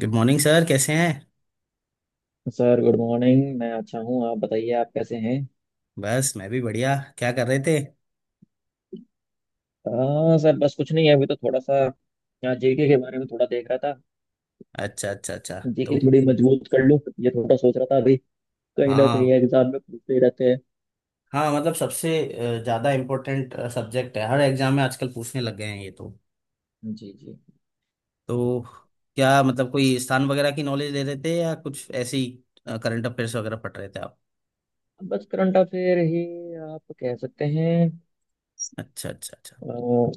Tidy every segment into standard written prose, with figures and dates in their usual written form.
Good morning sir, कैसे हैं। Sir good morning. मैं अच्छा हूँ, आप बताइए, आप कैसे हैं? बस, मैं भी बढ़िया। क्या कर रहे थे। हाँ सर, बस कुछ नहीं है, अभी तो थोड़ा सा यहाँ जीके के बारे में थोड़ा देख रहा था। अच्छा, अच्छा, अच्छा। तो। जीके थोड़ी मजबूत कर लूँ, ये थोड़ा सोच रहा था अभी। कहीं ना हाँ, कहीं एग्जाम में पूछते ही रहते हैं। हाँ, मतलब सबसे ज़्यादा इम्पोर्टेंट सब्जेक्ट है हर एग्जाम में। आजकल पूछने लग गए हैं ये तो। जी जी। तो क्या मतलब कोई स्थान वगैरह की नॉलेज ले रहे थे, या कुछ ऐसी करंट अफेयर्स वगैरह पढ़ रहे थे आप। बस करंट अफेयर ही आप कह सकते हैं। अच्छा, अच्छा, अच्छा। अ,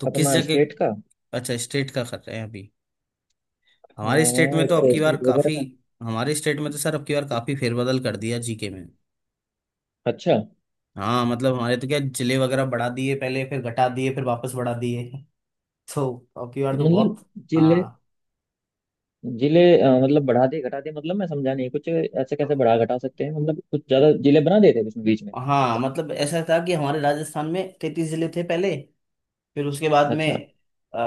तो किस अपना स्टेट जगह। का। अच्छा, स्टेट का कर रहे हैं अभी। हमारे स्टेट हाँ, में तो एक अब तो की बार स्टेट वगैरह काफ़ी का। हमारे स्टेट में तो सर अब की बार काफ़ी फेरबदल कर दिया जीके में। अच्छा। हाँ, मतलब हमारे तो क्या, जिले वगैरह बढ़ा दिए पहले, फिर घटा दिए, फिर वापस बढ़ा दिए। तो अब की बार तो मतलब बहुत। जिले, हाँ। जिले मतलब बढ़ा दिए घटा दिए, मतलब मैं समझा नहीं, कुछ ऐसे कैसे बढ़ा घटा सकते हैं? मतलब कुछ ज्यादा जिले बना देते हैं बीच में बीच में। हाँ, मतलब ऐसा था कि हमारे राजस्थान में 33 जिले थे पहले। फिर उसके बाद में अच्छा अ,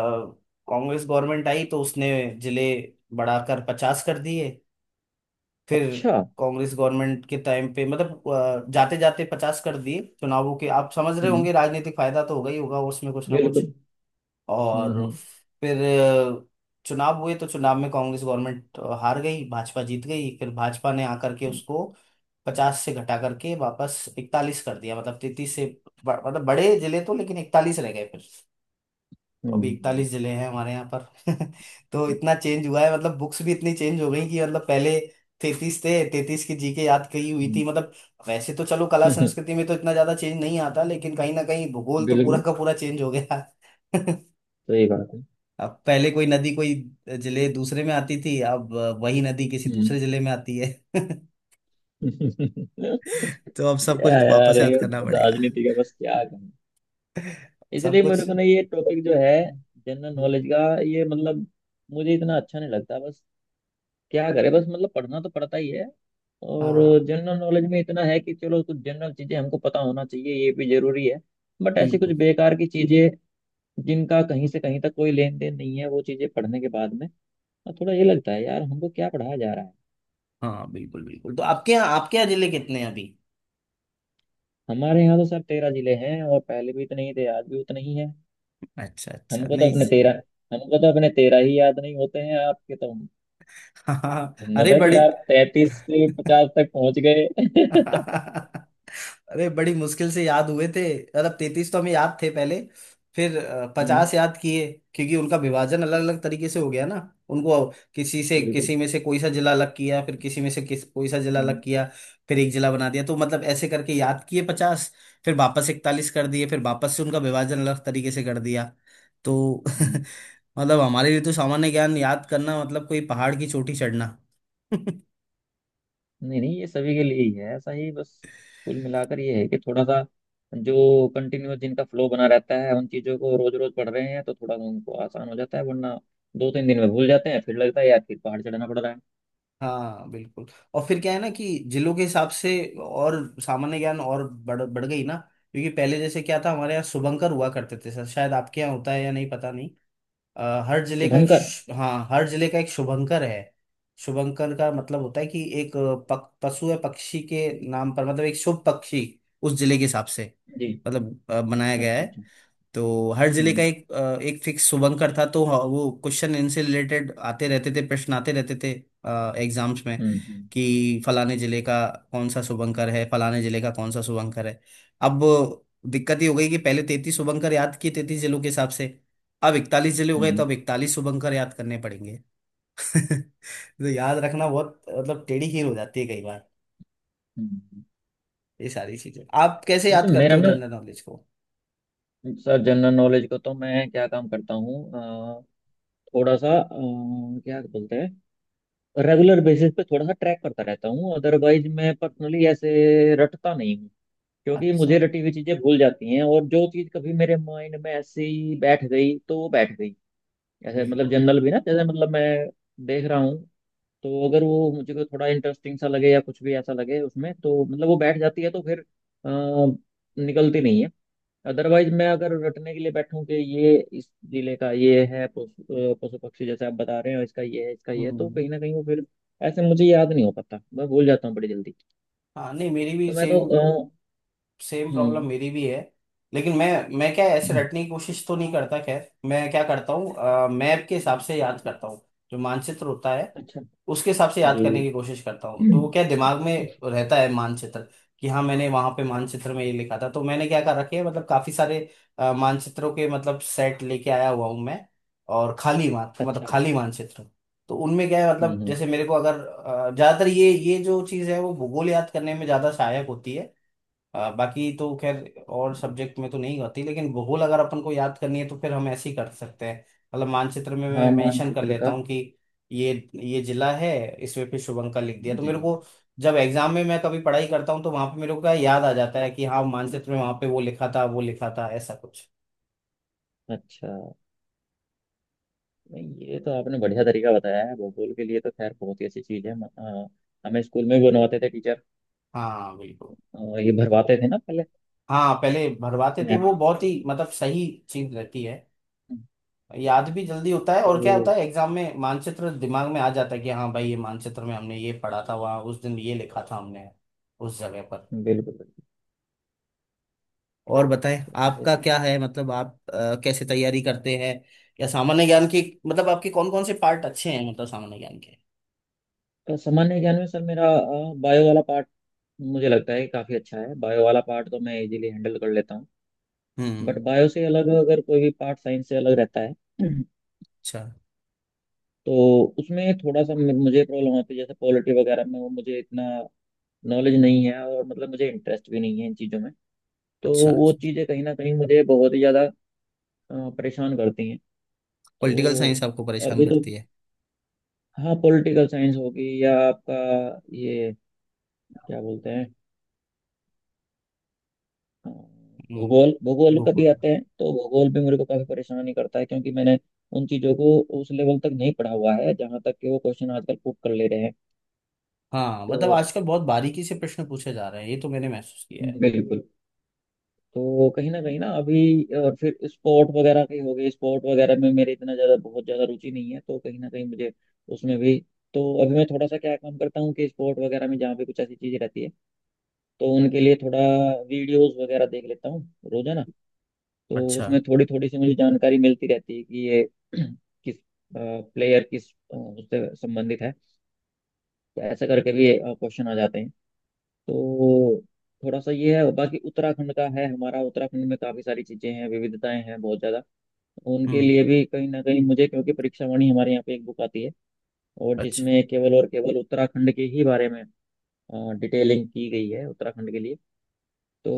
कांग्रेस गवर्नमेंट आई तो उसने जिले बढ़ाकर 50 कर दिए। फिर अच्छा। कांग्रेस गवर्नमेंट के टाइम पे मतलब जाते जाते 50 कर दिए चुनावों के। आप समझ रहे हम्म, होंगे, राजनीतिक फायदा तो होगा ही होगा उसमें कुछ ना कुछ। बिल्कुल। और हम्म। फिर अ, चुनाव हुए, तो चुनाव में कांग्रेस गवर्नमेंट हार गई, भाजपा जीत गई। फिर भाजपा ने आकर के उसको 50 से घटा करके वापस 41 कर दिया, मतलब 33 से मतलब बड़े जिले तो, लेकिन 41 रह गए फिर। तो हम्म। अभी 41 जिले हैं हमारे यहाँ पर। तो इतना चेंज हुआ है, मतलब बुक्स भी इतनी चेंज हो गई कि मतलब पहले 33 थे, 33 की जीके याद कही हुई थी मतलब। वैसे तो चलो, कला हम्म, संस्कृति में तो इतना ज्यादा चेंज नहीं आता, लेकिन कहीं ना कहीं भूगोल तो पूरा बिल्कुल, का पूरा चेंज हो गया। सही बात है। अब पहले कोई नदी कोई जिले दूसरे में आती थी, अब वही नदी किसी हम्म। दूसरे जिले में आती है। क्या तो अब सब कुछ यार वापस याद ये करना पड़ेगा। राजनीति का बस क्या कहूँ। सब इसलिए मेरे कुछ। को ना ये टॉपिक जो है, जनरल नॉलेज का ये, मतलब मुझे इतना अच्छा नहीं लगता। बस क्या करे, बस मतलब पढ़ना तो पड़ता ही है। और हाँ, जनरल नॉलेज में इतना है कि चलो कुछ जनरल चीजें हमको पता होना चाहिए, ये भी जरूरी है। बट ऐसी कुछ बिल्कुल। बेकार की चीजें जिनका कहीं से कहीं तक कोई लेन देन नहीं है, वो चीजें पढ़ने के बाद में और थोड़ा ये लगता है यार हमको क्या पढ़ाया जा रहा है। हाँ, बिल्कुल, बिल्कुल। तो आपके यहाँ, जिले कितने हैं अभी। हमारे यहाँ तो सर 13 जिले हैं, और पहले भी इतने ही थे, आज भी उतने ही हैं। अच्छा, अच्छा। हमको तो नहीं, अपने सही। 13, हमको तो अपने तेरह ही याद नहीं होते हैं, आपके तो हाँ, हाँ, हिम्मत अरे है कि बड़े। आप 33 से 50 तक पहुंच गए। अरे, बड़ी मुश्किल से याद हुए थे। मतलब 33 तो हमें याद थे पहले। फिर हम्म, 50 याद किए। क्योंकि उनका विभाजन अलग अलग तरीके से हो गया ना। उनको किसी से बिल्कुल। किसी में से कोई सा जिला अलग किया, फिर किसी में से किस कोई सा जिला अलग हम्म। किया। फिर एक जिला बना दिया, तो मतलब ऐसे करके याद किए 50। फिर वापस 41 कर दिए, फिर वापस से उनका विभाजन अलग तरीके से कर दिया। तो हम्म। मतलब हमारे लिए तो सामान्य ज्ञान याद करना मतलब कोई पहाड़ की चोटी चढ़ना। नहीं नहीं, ये सभी के लिए ही है ऐसा ही। बस कुल मिलाकर ये है कि थोड़ा सा जो कंटिन्यूस जिनका फ्लो बना रहता है, उन चीज़ों को रोज रोज पढ़ रहे हैं तो थोड़ा सा उनको आसान हो जाता है, वरना दो तीन दिन में भूल जाते हैं, फिर लगता है यार फिर पहाड़ चढ़ना पड़ रहा है। हाँ, बिल्कुल। और फिर क्या है ना कि जिलों के हिसाब से, और सामान्य ज्ञान और बढ़ बढ़ गई ना। क्योंकि पहले जैसे क्या था, हमारे यहाँ शुभंकर हुआ करते थे सर। शायद आपके यहाँ होता है या नहीं, पता नहीं। हर जिले का एक शुभंकर। हाँ, हर जिले का एक शुभंकर है। शुभंकर का मतलब होता है कि एक पशु या पक्षी के नाम पर, मतलब एक शुभ पक्षी उस जिले के हिसाब से, जी। मतलब बनाया गया अच्छा है। अच्छा। तो हर जिले का हम्म। एक एक फिक्स शुभंकर था, तो वो क्वेश्चन इनसे रिलेटेड आते रहते थे, प्रश्न आते रहते थे एग्जाम्स में। हम्म। हम्म। कि फलाने जिले का कौन सा शुभंकर है, फलाने जिले का कौन सा शुभंकर है। अब दिक्कत ये हो गई कि पहले 33 शुभंकर याद किए 33 जिलों के हिसाब से। अब 41 जिले हो गए, तो हम्म। अब 41 शुभंकर याद करने पड़ेंगे। तो याद रखना बहुत, मतलब टेढ़ी खीर हो जाती है कई बार। हम्म। ये सारी चीजें आप कैसे वैसे याद करते मेरा हो, ना, जनरल नॉलेज को। सर जनरल नॉलेज को तो मैं क्या काम करता हूँ, अ, थोड़ा सा, क्या बोलते हैं, रेगुलर बेसिस पे थोड़ा सा ट्रैक करता रहता हूँ। अदरवाइज मैं पर्सनली ऐसे रटता नहीं हूँ, क्योंकि अच्छा। मुझे रटी हुई चीजें भूल जाती हैं, और जो चीज कभी मेरे माइंड में ऐसे ही बैठ गई तो वो बैठ गई। ऐसे मतलब बिल्कुल। जनरल भी ना, जैसे मतलब मैं देख रहा हूँ, तो अगर वो मुझे को थोड़ा इंटरेस्टिंग सा लगे या कुछ भी ऐसा लगे उसमें, तो मतलब वो बैठ जाती है, तो फिर अ, निकलती नहीं है। अदरवाइज मैं अगर रटने के लिए बैठूं कि ये इस जिले का ये है पशु, पशु पक्षी, जैसे आप बता रहे हो इसका ये है इसका ये है, तो हम्म। कहीं ना कहीं वो फिर ऐसे मुझे याद नहीं हो पाता, मैं भूल जाता हूँ बड़ी जल्दी। हाँ, नहीं, मेरी भी तो मैं तो सेम अ, सेम प्रॉब्लम हम्म। मेरी भी है। लेकिन मैं क्या ऐसे रटने की कोशिश तो नहीं करता। खैर, मैं क्या करता हूँ, मैप के हिसाब से याद करता हूँ। जो मानचित्र होता है, अच्छा। उसके हिसाब से याद जी करने जी। की कोशिश करता हूँ। तो वो क्या दिमाग में रहता है, मानचित्र। कि हाँ, मैंने वहां पे मानचित्र में ये लिखा था। तो मैंने क्या कर रखे है, मतलब काफी सारे मानचित्रों के मतलब सेट लेके आया हुआ हूँ मैं। और खाली मान मतलब अच्छा। खाली मानचित्र। तो उनमें क्या है, हम्म। मतलब हम्म। जैसे मेरे को अगर ज्यादातर ये जो चीज है वो भूगोल याद करने में ज्यादा सहायक होती है। बाकी तो खैर, और सब्जेक्ट में तो नहीं होती, लेकिन भूगोल अगर अपन को याद करनी है तो फिर हम ऐसे ही कर सकते हैं। मतलब मानचित्र में मैं हाँ मेंशन कर मानचित्र लेता का। हूँ कि ये ये जिला है, इसमें फिर शुभंकर लिख दिया, तो जी। मेरे को जब एग्जाम में मैं कभी पढ़ाई करता हूँ तो वहां पे मेरे को क्या याद आ जाता है कि हाँ, मानचित्र में वहां पे वो लिखा था, वो लिखा था, ऐसा कुछ। अच्छा, नहीं ये तो आपने बढ़िया तरीका बताया है भूगोल के लिए, तो खैर बहुत ही अच्छी चीज है। हमें स्कूल में भी बनवाते थे टीचर, हाँ, बिल्कुल। ये भरवाते थे ना पहले। हाँ, पहले भरवाते थे, मैप वो बहुत ही मतलब सही चीज रहती है। याद भी जल्दी होता है, तो और क्या होता है, एग्जाम में मानचित्र दिमाग में आ जाता है कि हाँ भाई, ये मानचित्र में हमने ये पढ़ा था, वहाँ उस दिन ये लिखा था हमने उस जगह पर। बिल्कुल और बताएं, आपका बिल्कुल क्या ये। है, मतलब आप कैसे तैयारी करते हैं, या सामान्य ज्ञान की, मतलब आपके कौन कौन से पार्ट अच्छे हैं मतलब सामान्य ज्ञान के। तो सामान्य ज्ञान में सर मेरा बायो वाला पार्ट मुझे लगता है काफ़ी अच्छा है, बायो वाला पार्ट तो मैं इजीली हैंडल कर लेता हूँ। बट हम्म। बायो से अलग अगर कोई भी पार्ट साइंस से अलग रहता है, अच्छा, तो उसमें थोड़ा सा मुझे प्रॉब्लम होती है, जैसे पॉलिटी वगैरह में, वो मुझे इतना नॉलेज नहीं है और मतलब मुझे इंटरेस्ट भी नहीं है इन चीज़ों में, तो अच्छा, वो अच्छा। चीज़ें कहीं ना कहीं मुझे बहुत ही ज़्यादा परेशान करती हैं। पॉलिटिकल तो साइंस आपको परेशान अभी तो, करती है। हाँ पॉलिटिकल साइंस होगी या आपका ये, क्या बोलते हैं, अ, हम्म, भूगोल, भूगोल कभी बिल्कुल। आते हैं तो भूगोल भी मेरे को काफ़ी परेशान ही करता है, क्योंकि मैंने उन चीज़ों को उस लेवल तक नहीं पढ़ा हुआ है जहाँ तक कि वो क्वेश्चन आजकल पुट कर ले रहे हैं। हाँ, तो मतलब आजकल बहुत बारीकी से प्रश्न पूछे जा रहे हैं, ये तो मैंने महसूस किया है। बिल्कुल। तो कहीं ना अभी, फिर स्पोर्ट वगैरह के हो गए, स्पोर्ट वगैरह में मेरे इतना ज़्यादा बहुत ज़्यादा रुचि नहीं है, तो कहीं ना कहीं मुझे उसमें भी। तो अभी मैं थोड़ा सा क्या काम करता हूँ कि स्पोर्ट वगैरह में जहाँ पे कुछ ऐसी चीज़ें रहती है, तो उनके लिए थोड़ा वीडियोस वगैरह देख लेता हूँ रोजाना, तो अच्छा। उसमें थोड़ी थोड़ी सी मुझे जानकारी मिलती रहती है कि ये किस प्लेयर किस उससे संबंधित है, तो ऐसा करके भी क्वेश्चन आ जाते हैं। तो थोड़ा सा ये है, बाकी उत्तराखंड का है हमारा। उत्तराखंड में काफी सारी चीजें हैं, विविधताएं हैं बहुत ज्यादा, उनके हम्म। लिए भी कहीं ना कहीं मुझे, क्योंकि परीक्षा वाणी हमारे यहाँ पे एक बुक आती है और अच्छा, जिसमें केवल और केवल उत्तराखंड के ही बारे में डिटेलिंग की गई है, उत्तराखंड के लिए। तो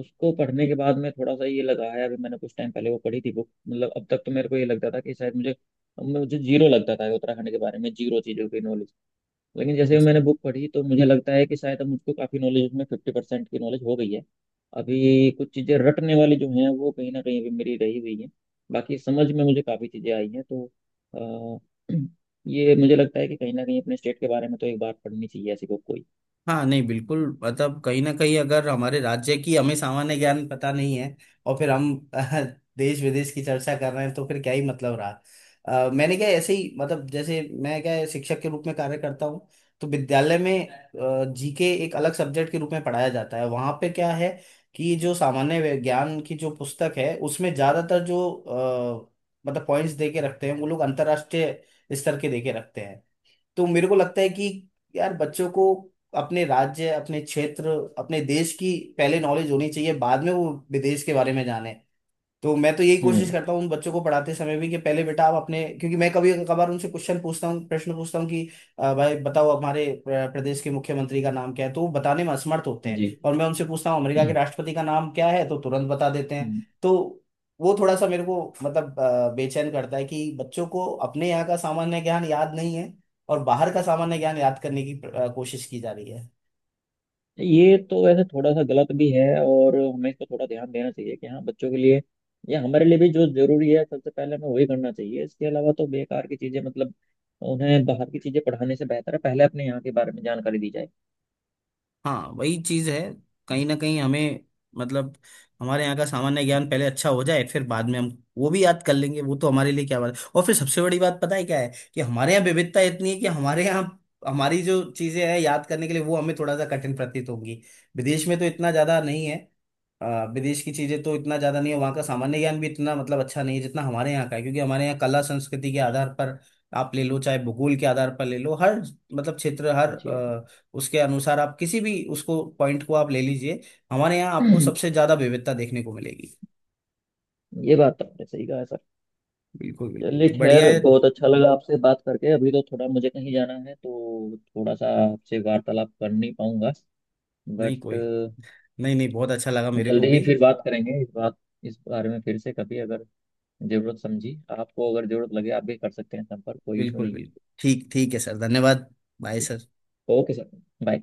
उसको पढ़ने के बाद में थोड़ा सा ये लगा है, अभी मैंने कुछ टाइम पहले वो पढ़ी थी बुक, मतलब अब तक तो मेरे को ये लगता था कि शायद मुझे, मुझे जीरो लगता था उत्तराखंड के बारे में, जीरो चीजों की नॉलेज। लेकिन जैसे अच्छा। मैंने बुक पढ़ी तो मुझे लगता है कि शायद अब मुझको काफ़ी नॉलेज, उसमें 50% की नॉलेज हो गई है। अभी कुछ चीज़ें रटने वाली जो हैं वो कहीं ना कहीं अभी मेरी रही हुई हैं, बाकी समझ में मुझे काफ़ी चीज़ें आई हैं। तो अ, ये मुझे लगता है कि कहीं ना कहीं अपने स्टेट के बारे में तो एक बार पढ़नी चाहिए ऐसी बुक कोई। हाँ, नहीं, बिल्कुल, मतलब कहीं ना कहीं अगर हमारे राज्य की हमें सामान्य ज्ञान पता नहीं है, और फिर हम देश विदेश की चर्चा कर रहे हैं, तो फिर क्या ही मतलब रहा। मैंने क्या ऐसे ही मतलब जैसे मैं क्या है, शिक्षक के रूप में कार्य करता हूँ। तो विद्यालय में जीके एक अलग सब्जेक्ट के रूप में पढ़ाया जाता है, वहाँ पे क्या है कि जो सामान्य ज्ञान की जो पुस्तक है, उसमें ज्यादातर जो मतलब पॉइंट्स दे के रखते हैं वो लोग, अंतर्राष्ट्रीय स्तर के दे के रखते हैं। तो मेरे को लगता है कि यार बच्चों को अपने राज्य, अपने क्षेत्र, अपने देश की पहले नॉलेज होनी चाहिए, बाद में वो विदेश के बारे में जाने। तो मैं तो यही कोशिश हम्म। करता हूँ उन बच्चों को पढ़ाते समय भी कि पहले बेटा आप अपने, क्योंकि मैं कभी कभार उनसे क्वेश्चन पूछता हूँ, प्रश्न पूछता हूँ कि भाई बताओ हमारे प्रदेश के मुख्यमंत्री का नाम क्या है", तो वो बताने में असमर्थ होते हैं। जी। और मैं उनसे पूछता हूँ अमेरिका के राष्ट्रपति का नाम क्या है, तो तुरंत बता देते हैं। हम्म। तो वो थोड़ा सा मेरे को मतलब बेचैन करता है कि बच्चों को अपने यहाँ का सामान्य ज्ञान याद नहीं है, और बाहर का सामान्य ज्ञान याद करने की कोशिश की जा रही है। ये तो वैसे थोड़ा सा गलत भी है, और हमें इस पर थोड़ा ध्यान देना चाहिए कि हाँ बच्चों के लिए या हमारे लिए भी जो जरूरी है सबसे पहले हमें वही करना चाहिए। इसके अलावा तो बेकार की चीजें, मतलब उन्हें बाहर की चीजें पढ़ाने से बेहतर है पहले अपने यहाँ के बारे में जानकारी दी जाए। हाँ, वही चीज है, कहीं ना कहीं हमें, मतलब हमारे यहाँ का सामान्य ज्ञान पहले अच्छा हो जाए, फिर बाद में हम वो भी याद कर लेंगे, वो तो हमारे लिए क्या बात है। और फिर सबसे बड़ी बात पता है क्या है, कि हमारे यहाँ विविधता इतनी है कि हमारे यहाँ, हमारी जो चीजें हैं याद करने के लिए वो हमें थोड़ा सा कठिन प्रतीत होंगी। विदेश में तो इतना ज्यादा नहीं है। विदेश की चीजें तो इतना ज्यादा नहीं है, वहाँ का सामान्य ज्ञान भी इतना मतलब अच्छा नहीं है जितना हमारे यहाँ का है। क्योंकि हमारे यहाँ कला संस्कृति के आधार पर आप ले लो, चाहे भूगोल के आधार पर ले लो, हर मतलब क्षेत्र, हर जी उसके अनुसार आप किसी भी उसको पॉइंट को आप ले लीजिए, हमारे यहाँ आपको जी, सबसे ज्यादा विविधता देखने को मिलेगी। ये बात तो आपने सही कहा है सर। बिल्कुल, बिल्कुल। चलिए तो बढ़िया खैर है। बहुत अच्छा लगा आपसे बात करके, अभी तो थोड़ा मुझे कहीं जाना है, तो थोड़ा सा आपसे वार्तालाप कर नहीं पाऊंगा, नहीं बट कोई, नहीं, नहीं, बहुत अच्छा लगा मेरे को जल्दी ही भी। फिर बात करेंगे इस बात, इस बारे में फिर से कभी, अगर जरूरत समझी आपको, अगर जरूरत लगे आप भी कर सकते हैं संपर्क, कोई इशू बिल्कुल, नहीं है। बिल्कुल। ठीक ठीक है सर, धन्यवाद। बाय ठीक सर। है, ओके सर, बाय।